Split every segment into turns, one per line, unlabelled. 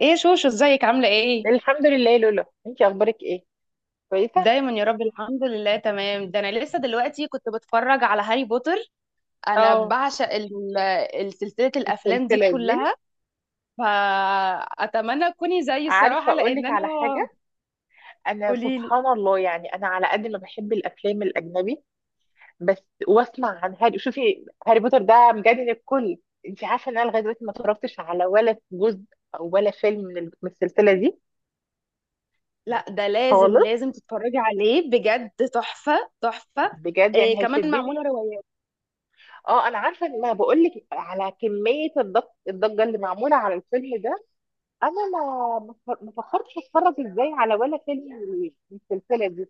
ايه شوشو ازيك عاملة ايه؟
الحمد لله، لولا انتي. اخبارك ايه؟ كويسه.
دايما يا رب الحمد لله تمام. ده انا لسه دلوقتي كنت بتفرج على هاري بوتر. انا
اه.
بعشق سلسلة الافلام دي
السلسله دي.
كلها، فاتمنى تكوني زيي
عارفه
الصراحة
اقول لك
لان انا.
على حاجه؟ انا،
قوليلي.
سبحان الله، يعني انا على قد ما بحب الافلام الاجنبي، بس واسمع عن هاري. شوفي، هاري بوتر ده مجنن الكل. انتي عارفه ان انا لغايه دلوقتي ما اتفرجتش على ولا جزء او ولا فيلم من السلسله دي
لا ده لازم
خالص.
لازم تتفرجي عليه، بجد تحفة تحفة.
بجد يعني
إيه كمان
هيشدني؟
معمولة روايات.
اه، انا عارفه ان ما بقول لك على كميه الضجه اللي معموله على الفيلم ده. انا ما فكرتش اتفرج ازاي على ولا فيلم من السلسله دي.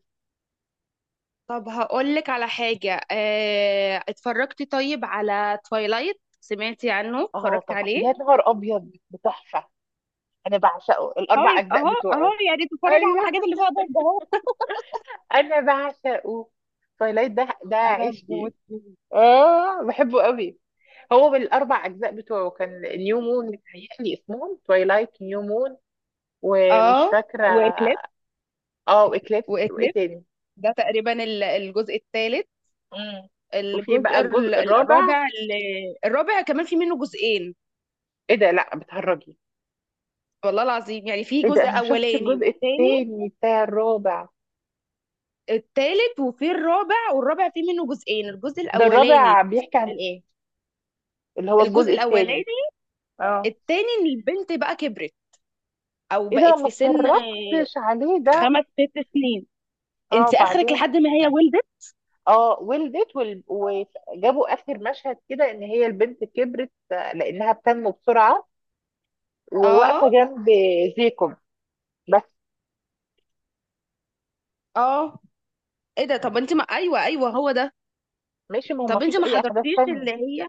طب هقولك على حاجة، إيه اتفرجتي طيب على تويلايت؟ سمعتي عنه؟
اه،
اتفرجتي
طب
عليه؟
يا نهار ابيض، بتحفه! انا بعشقه، الاربع
طيب
اجزاء
اهو اهو،
بتوعه.
يا ريت اتفرج على
ايوه.
الحاجات اللي فيها ضجه اهو.
انا بعشقه. تويلايت ده، ده
انا
عشقي.
بموت فيه.
اه، بحبه قوي. هو بالاربع اجزاء بتوعه كان نيو مون. متهيألي اسمهم تويلايت، نيو مون، ومش
اه،
فاكره.
واكليب،
اه، واكليبس. وايه
واكليب
تاني؟
ده تقريبا الجزء الثالث.
مم. وفي بقى
الجزء
الجزء الرابع.
الرابع الرابع كمان في منه جزئين.
ايه ده؟ لا بتهرجي!
والله العظيم يعني في
ايه ده،
جزء
انا ما شفتش
اولاني
الجزء
والثاني،
التاني بتاع الرابع.
الثالث، وفي الرابع، والرابع في منه جزئين، الجزء
ده
الاولاني،
الرابع بيحكي عن
ال-
ايه؟ اللي هو
الجزء
الجزء التاني.
الاولاني
اه.
الثاني، ان البنت بقى كبرت او
ايه ده،
بقت
ما
في سن
اتفرجتش عليه ده.
خمس ست سنين.
اه،
انت اخرك
وبعدين؟
لحد ما هي ولدت.
اه، ولدت وجابوا اخر مشهد كده ان هي البنت كبرت، لانها بتنمو بسرعة
اه.
وواقفة جنب. زيكم. بس.
اه، ايه ده؟ طب انت ما ايوه ايوه هو ده.
ماشي، ما هو ما
طب انت
فيش
ما
اي احداث
حضرتيش
تانية.
اللي هي،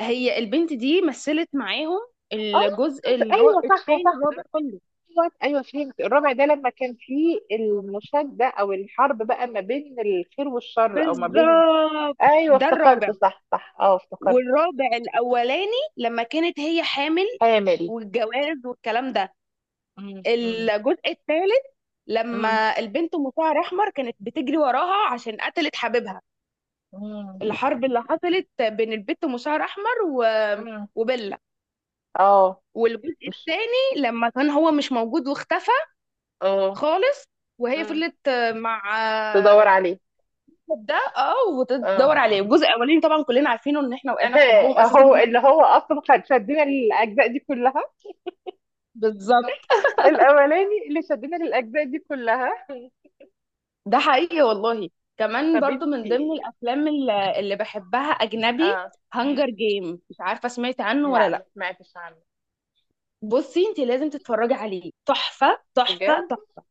هي البنت دي مثلت معاهم
اه،
الجزء
ايوه صح
التاني
صح.
الرابع كله.
ايوه ايوه، فهمت. الرابع ده لما كان فيه المشادة، او الحرب بقى ما بين الخير والشر، او ما بين...
بالظبط،
ايوه،
ده
افتكرت،
الرابع.
صح صح. اه، افتكرت.
والرابع الاولاني لما كانت هي حامل
حامل.
والجواز والكلام ده.
مم، مم،
الجزء الثالث
مم،
لما البنت مشعر احمر كانت بتجري وراها عشان قتلت حبيبها.
مم،
الحرب اللي حصلت بين البنت مشعر احمر و...
مم.
وبيلا.
اه.
والجزء
مش.
الثاني لما كان هو مش موجود واختفى
اه.
خالص. وهي
مم.
فضلت مع.
تدور
آه،
عليه.
ده اه،
اه.
وتدور عليه. الجزء الاولاني طبعا كلنا عارفينه، ان احنا وقعنا في حبهم اساسا
هو
هم.
اللي هو اصلا كان شدنا للاجزاء دي كلها.
بالظبط.
الاولاني اللي شدنا للاجزاء دي كلها.
ده حقيقي والله. كمان
طب
برضو من ضمن
انتي.
الافلام اللي بحبها اجنبي،
اه. مم.
هانجر جيم، مش عارفه سمعت عنه ولا
لا، ما
لا.
سمعتش عنه.
بصي انت لازم تتفرجي عليه، تحفه تحفه
بجد؟
تحفه.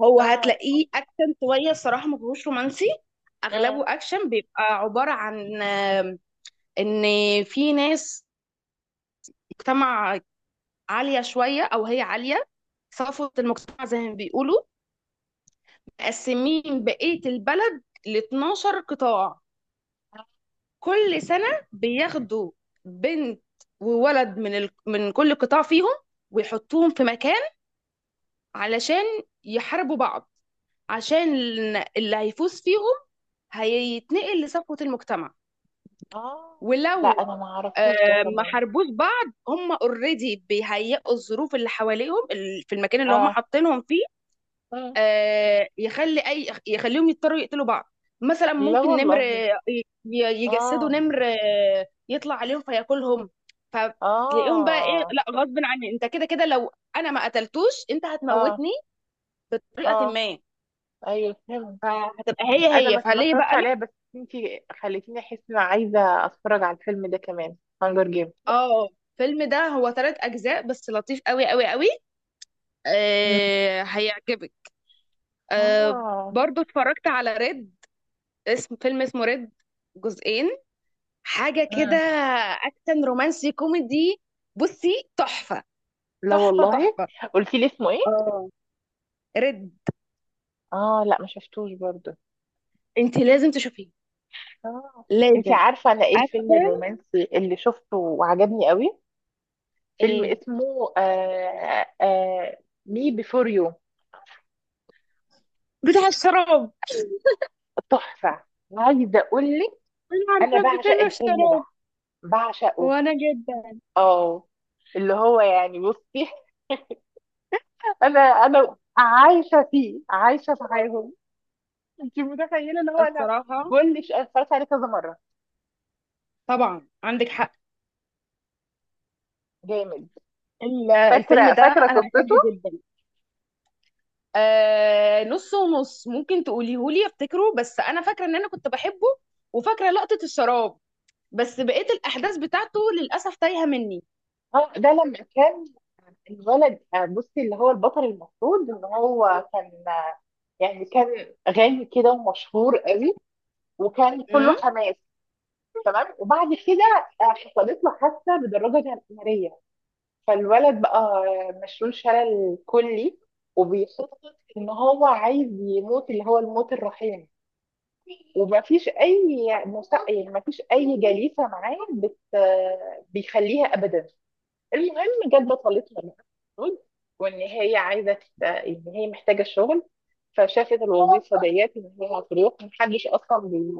هو
اه،
هتلاقيه اكشن شويه الصراحه، ما فيهوش رومانسي،
اه،
اغلبه اكشن. بيبقى عباره عن ان في ناس، مجتمع عالية شوية أو هي عالية، صفوة المجتمع زي ما بيقولوا، مقسمين بقية البلد ل 12 قطاع. كل سنة بياخدوا بنت وولد من كل قطاع فيهم، ويحطوهم في مكان علشان يحاربوا بعض، عشان اللي هيفوز فيهم
اه،
هيتنقل لصفوة المجتمع.
اه. لا،
ولو
انا ما
آه،
اعرفوش ده
ما
كمان.
حاربوش بعض، هم اوريدي بيهيئوا الظروف اللي حواليهم في المكان اللي هم
اه،
حاطينهم فيه،
اه.
يخلي اي يخليهم يضطروا يقتلوا بعض. مثلا
لا
ممكن نمر
والله.
يجسدوا
اه،
نمر يطلع عليهم فياكلهم. فتلاقيهم بقى ايه،
اه،
لا غصب عني، انت كده كده لو انا ما قتلتوش انت
اه،
هتموتني بطريقه
اه،
ما.
ايوه فهمت.
فهتبقى هي،
انا
هي
ما
فليه
اتفرجتش
بقى لا.
عليها بس. انتي خليتيني احس ان انا عايزه اتفرج على الفيلم ده كمان، هانجر جيم.
اه، الفيلم ده هو 3 اجزاء بس، لطيف قوي قوي قوي. آه هيعجبك. آه.
اه.
برضو اتفرجت على ريد، اسم فيلم اسمه ريد، جزئين حاجة كده،
مم.
أكشن رومانسي كوميدي. بصي تحفة
لا
تحفة
والله.
تحفة.
قلتي لي اسمه ايه؟
اه، رد.
اه، لا ما شفتوش برضو.
انت لازم تشوفيه،
اه. انتي
لازم.
عارفه انا ايه الفيلم
أكشن.
الرومانسي اللي شفته وعجبني قوي؟ فيلم
ايه؟
اسمه مي بيفور يو.
بتاع الشراب؟
تحفه. عايزه اقول لك،
انا
انا
عارفة
بعشق
بفيلم
الفيلم ده،
الشراب.
بعشقه.
وانا جدا
اه، اللي هو يعني، بصي. انا عايشه فيه، عايشه في حياتهم. انت متخيله اللي هو انا
الصراحة.
كل شيء أنا اتفرجت عليه كذا مره.
طبعا عندك حق.
جامد.
الفيلم
فاكره
ده
فاكره
انا بحبه
قصته.
جدا. آه نص ونص، ممكن تقوليهولي افتكره، بس انا فاكرة ان انا كنت بحبه، وفاكرة لقطة الشراب، بس بقيت الاحداث بتاعته للاسف تايهة مني.
اه، ده لما كان الولد، بصي، اللي هو البطل، المفروض ان هو كان يعني كان غني كده، ومشهور قوي، وكان كله
امم.
حماس. تمام. وبعد كده حصلت له حادثه بدراجه ناريه. فالولد بقى مشلول شلل كلي، وبيخطط ان هو عايز يموت، اللي هو الموت الرحيم. ومفيش اي يعني مفيش اي جليسه معاه بيخليها ابدا. المهم جت بطلتنا بقى. المفروض. وان هي عايزه ان هي محتاجه الشغل. فشافت الوظيفه ديت ان هي هتروح محدش اصلا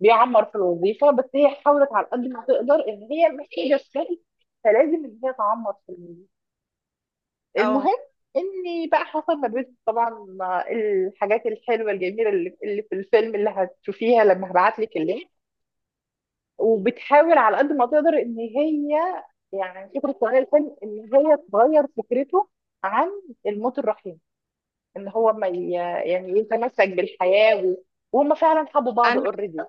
بيعمر في الوظيفه، بس هي حاولت على قد ما تقدر، ان هي محتاجه الشغل، فلازم ان هي تعمر في...
اه.
المهم، اني بقى حصل ما بين طبعا الحاجات الحلوه الجميله اللي في الفيلم اللي هتشوفيها لما هبعت لك اللينك، وبتحاول على قد ما تقدر ان هي يعني فكره تغير الفيلم، ان هي تغير فكرته عن الموت الرحيم، ان هو ما يعني يتمسك بالحياه وهم فعلا حبوا بعض
انا
اوريدي.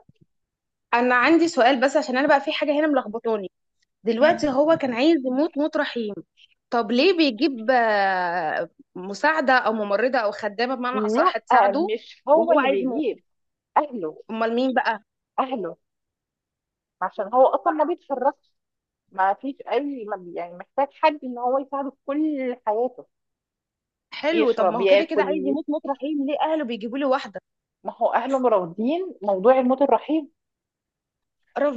انا عندي سؤال بس، عشان انا بقى في حاجه هنا ملخبطاني. دلوقتي هو كان عايز يموت موت رحيم، طب ليه بيجيب مساعده او ممرضه او خدامه بمعنى
لا،
اصح تساعده
مش هو
وهو
اللي
عايز يموت؟
بيجيب. اهله.
امال مين بقى؟
اهله. عشان هو اصلا ما بيتفرجش. ما فيش اي يعني محتاج حد ان هو يساعده في كل حياته.
حلو، طب ما
يشرب،
هو كده كده
ياكل،
عايز يموت موت رحيم، ليه اهله بيجيبوا له واحده؟
ما هو اهله مرافضين موضوع الموت الرحيم.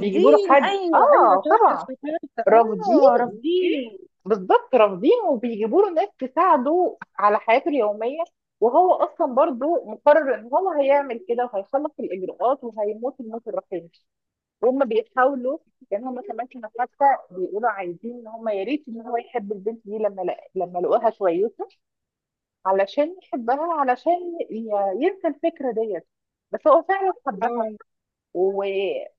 بيجيبوا له حد،
ايوه. ايوه
اه
صح
طبعا.
افتكرت. اه
رافضين.
رافضين.
بالظبط، رافضين، وبيجيبوا له ناس تساعده على حياته اليوميه. وهو اصلا برضو مقرر ان هو هيعمل كده، وهيخلص الاجراءات وهيموت الموت الرحيم. وهم بيحاولوا، لان هم كمان كانوا حتى بيقولوا عايزين ان هم يا ريت ان هو يحب البنت دي لما لقوها شويته، علشان يحبها، علشان ي- ينسى الفكرة ديت. بس هو فعلا حبها
اه.
و...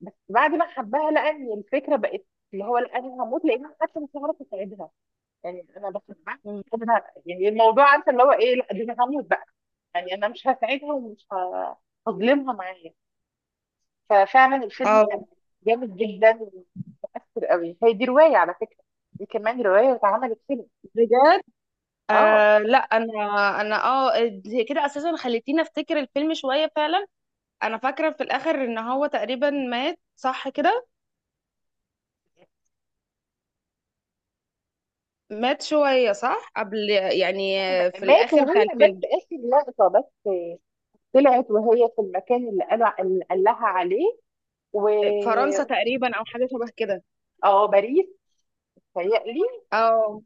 بس بعد ما حبها لقى ان الفكرة بقت، اللي هو لا انا هموت لانها حتى مش هعرف اساعدها، يعني انا بحبها.
م.
يعني الموضوع عارفه اللي هو ايه، لا دي انا هموت بقى، يعني انا مش هساعدها، ومش هظلمها معايا. ففعلا الفيلم
اه.
كان جامد جدا، ومؤثر قوي. هي دي رواية على فكرة، دي كمان رواية واتعملت فيلم.
بجد.
اه،
آه لا انا انا اه كده اساسا خليتيني افتكر الفيلم شويه فعلا. انا فاكره في الاخر ان هو تقريبا مات، صح كده؟ مات شويه صح قبل يعني، في
مات.
الاخر
وهي
بتاع
بس
الفيلم.
اخر لقطة، بس طلعت وهي في المكان اللي قال لها عليه و
فرنسا تقريبا او حاجه شبه كده.
اه، باريس، تهيألي.
اه،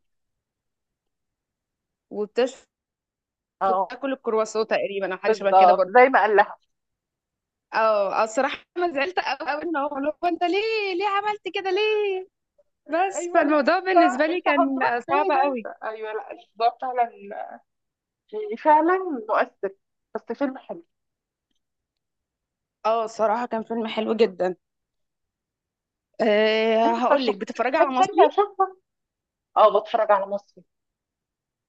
وبتشفط
اه،
تاكل الكرواسون تقريبا او حاجه شبه كده
بالظبط
برضه.
زي ما قال لها.
اه. الصراحه انا زعلت قوي قوي، ان هو اللي هو، انت ليه ليه عملت كده ليه؟ بس
ايوه لا،
فالموضوع
انت
بالنسبه لي
انت
كان
هتروح
صعب
فين
قوي.
انت؟ ايوه لا، الموضوع فعلا يعني فعلا مؤثر، بس فيلم حلو.
اه الصراحه كان فيلم حلو جدا. أه
عندك
هقول لك،
ترشيحات
بتتفرجي على
لافلام
مصري؟
حلوه اشوفها؟ اه. بتفرج على مصري؟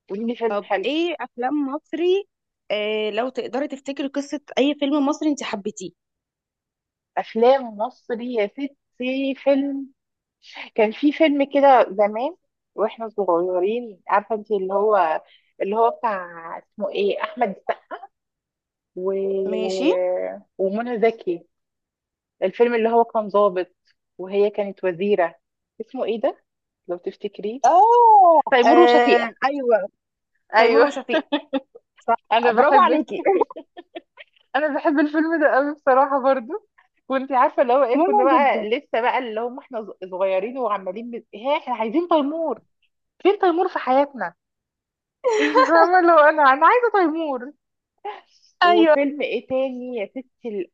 قولي لي فيلم
طب
حلو.
ايه افلام مصري؟ آه لو تقدري تفتكري قصة اي فيلم مصري انت حبيتيه.
افلام مصري يا ستي، فيلم... كان في فيلم كده زمان واحنا صغيرين، عارفه انت، اللي هو بتاع اسمه ايه، احمد السقا و...
ماشي.
ومنى زكي. الفيلم اللي هو كان ضابط وهي كانت وزيره. اسمه ايه ده؟ لو تفتكريه.
اه.
تيمور
آه،
وشفيقه.
ايوه. تيمور
ايوه.
وشفيق.
انا
برافو
بحب.
عليكي.
انا بحب الفيلم ده قوي بصراحه برضو. وانت عارفه اللي هو ايه،
مهم
كنا
جدا.
بقى لسه بقى اللي هم احنا صغيرين، وعمالين ها احنا عايزين تيمور. فين تيمور في حياتنا؟ انت فاهمه اللي هو انا عايزه تيمور.
ايوه.
وفيلم ايه تاني يا ستي،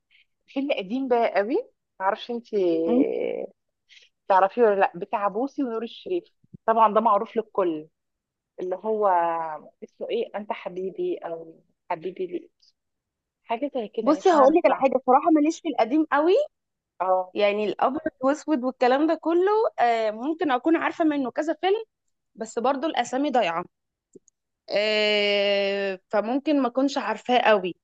فيلم قديم بقى قوي. معرفش انت
مم.
تعرفيه ولا لا، بتاع بوسي ونور الشريف. طبعا ده معروف للكل. اللي هو اسمه ايه، انت حبيبي، او حبيبي لي، حاجه زي كده، مش
بصي هقول لك على
عارفه.
حاجه بصراحه، ماليش في القديم قوي،
اه،
يعني الابيض واسود والكلام ده كله. آه ممكن اكون عارفه منه كذا فيلم، بس برضو الاسامي ضايعه، آه فممكن ما اكونش عارفاه قوي.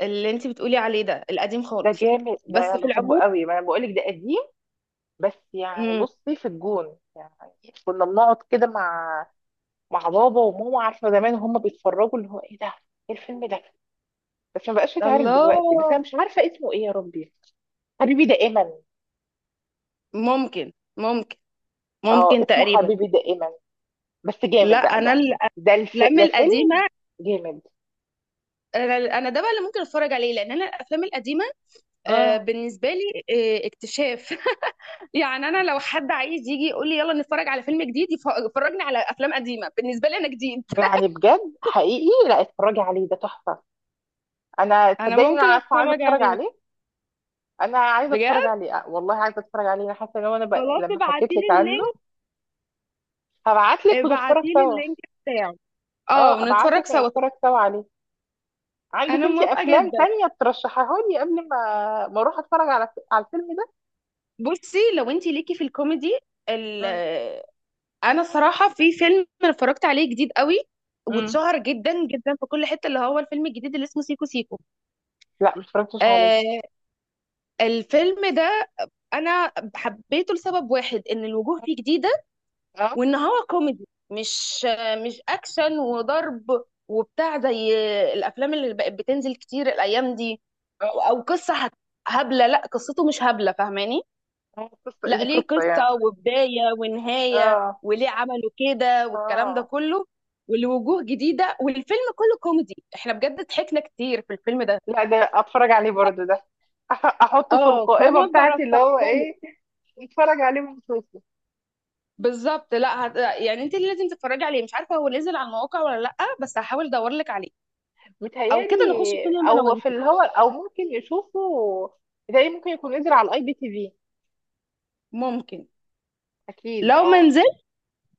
اللي انت بتقولي عليه ده القديم
ده
خالص،
جامد، ده
بس
انا
في
بحبه
العموم.
قوي، ما انا بقولك ده قديم. بس يعني
مم.
بصي، في الجون يعني، كنا بنقعد كده مع بابا وماما، عارفه، زمان وهم بيتفرجوا اللي هو ايه ده. ايه الفيلم ده؟ بس ما بقاش يتعرض دلوقتي، بس
الله.
انا مش عارفه اسمه ايه يا ربي. حبيبي دائما.
ممكن ممكن.
اه،
ممكن
اسمه
تقريبا.
حبيبي دائما، بس
لا
جامد بقى
انا
ده.
الافلام
ده
القديمه،
فيلم جامد.
انا أنا ده بقى اللي ممكن اتفرج عليه، لان انا الافلام القديمه
اه،
بالنسبه لي اكتشاف. يعني انا لو حد عايز يجي يقول لي يلا نتفرج على فيلم جديد، يفرجني على افلام قديمه بالنسبه لي انا جديد.
يعني بجد حقيقي، لا اتفرجي عليه ده تحفه. انا
انا
صدقني، انا
ممكن
عارفه عايزه
اتفرج
اتفرج
عليه.
عليه. انا عايزه اتفرج
بجد.
عليه، والله عايزه اتفرج عليه، انا حاسه ان هو انا بقى...
خلاص
لما
ابعتي
حكيت
لي
لك عنه.
اللينك.
هبعت لك ونتفرج
ابعتي لي
سوا.
اللينك بتاعه. اه
اه، ابعت
ونتفرج
لك
سوا.
ونتفرج سوا عليه. عندك
انا
انت
موافقه
افلام
جدا.
تانية ترشحها لي قبل ما اروح اتفرج على الفيلم ده؟
بصي لو انت ليكي في الكوميدي،
مم.
انا الصراحه في فيلم اتفرجت عليه جديد قوي،
مم.
واتشهر جدا جدا في كل حته، اللي هو الفيلم الجديد اللي اسمه سيكو سيكو.
لا، ما اتفرجتش عليه.
آه الفيلم ده انا حبيته لسبب واحد، ان الوجوه فيه جديده،
اه،
وان هو كوميدي مش مش اكشن وضرب وبتاع زي الافلام اللي بقت بتنزل كتير الايام دي،
اه،
او قصه هبله. لا قصته مش هبله، فاهماني؟
قصة
لا
ليه
ليه
قصة
قصة
يعني؟
وبداية ونهاية
اه،
وليه عملوا كده والكلام ده
اه.
كله، ولوجوه جديدة، والفيلم كله كوميدي، احنا بجد ضحكنا كتير في الفيلم ده.
لا، ده اتفرج عليه برضو ده، احطه في
اه
القائمة
فانا
بتاعتي اللي هو
برشحهولك.
ايه، اتفرج عليه ونشوفه.
بالظبط، لا يعني انت اللي لازم تتفرجي عليه، مش عارفة هو نزل على المواقع ولا لا، بس هحاول ادور لك عليه، او
متهيألي
كده نخش سينما انا
او
وانت.
في اللي هو، او ممكن يشوفه. متهيألي ممكن يكون نزل على الـ IPTV.
ممكن.
اكيد،
لو ما
اه.
نزل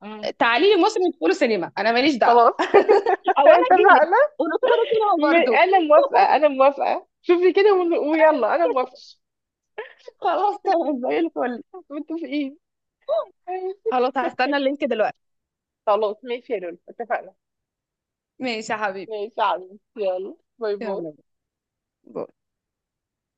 مم.
تعالي لي مصر ندخله سينما، انا ماليش دعوة،
خلاص.
او انا اجيلك
اتفقنا.
وندخله سينما برضه.
انا موافقه، انا موافقه، شوفي كده، ويلا انا موافقه.
خلاص تمام زي الفل.
متفقين.
خلاص هستنى اللينك دلوقتي.
خلاص، ماشي يا لولو، اتفقنا.
ماشي يا حبيبي،
ماشي يا عمي، يلا، باي باي.
يلا باي.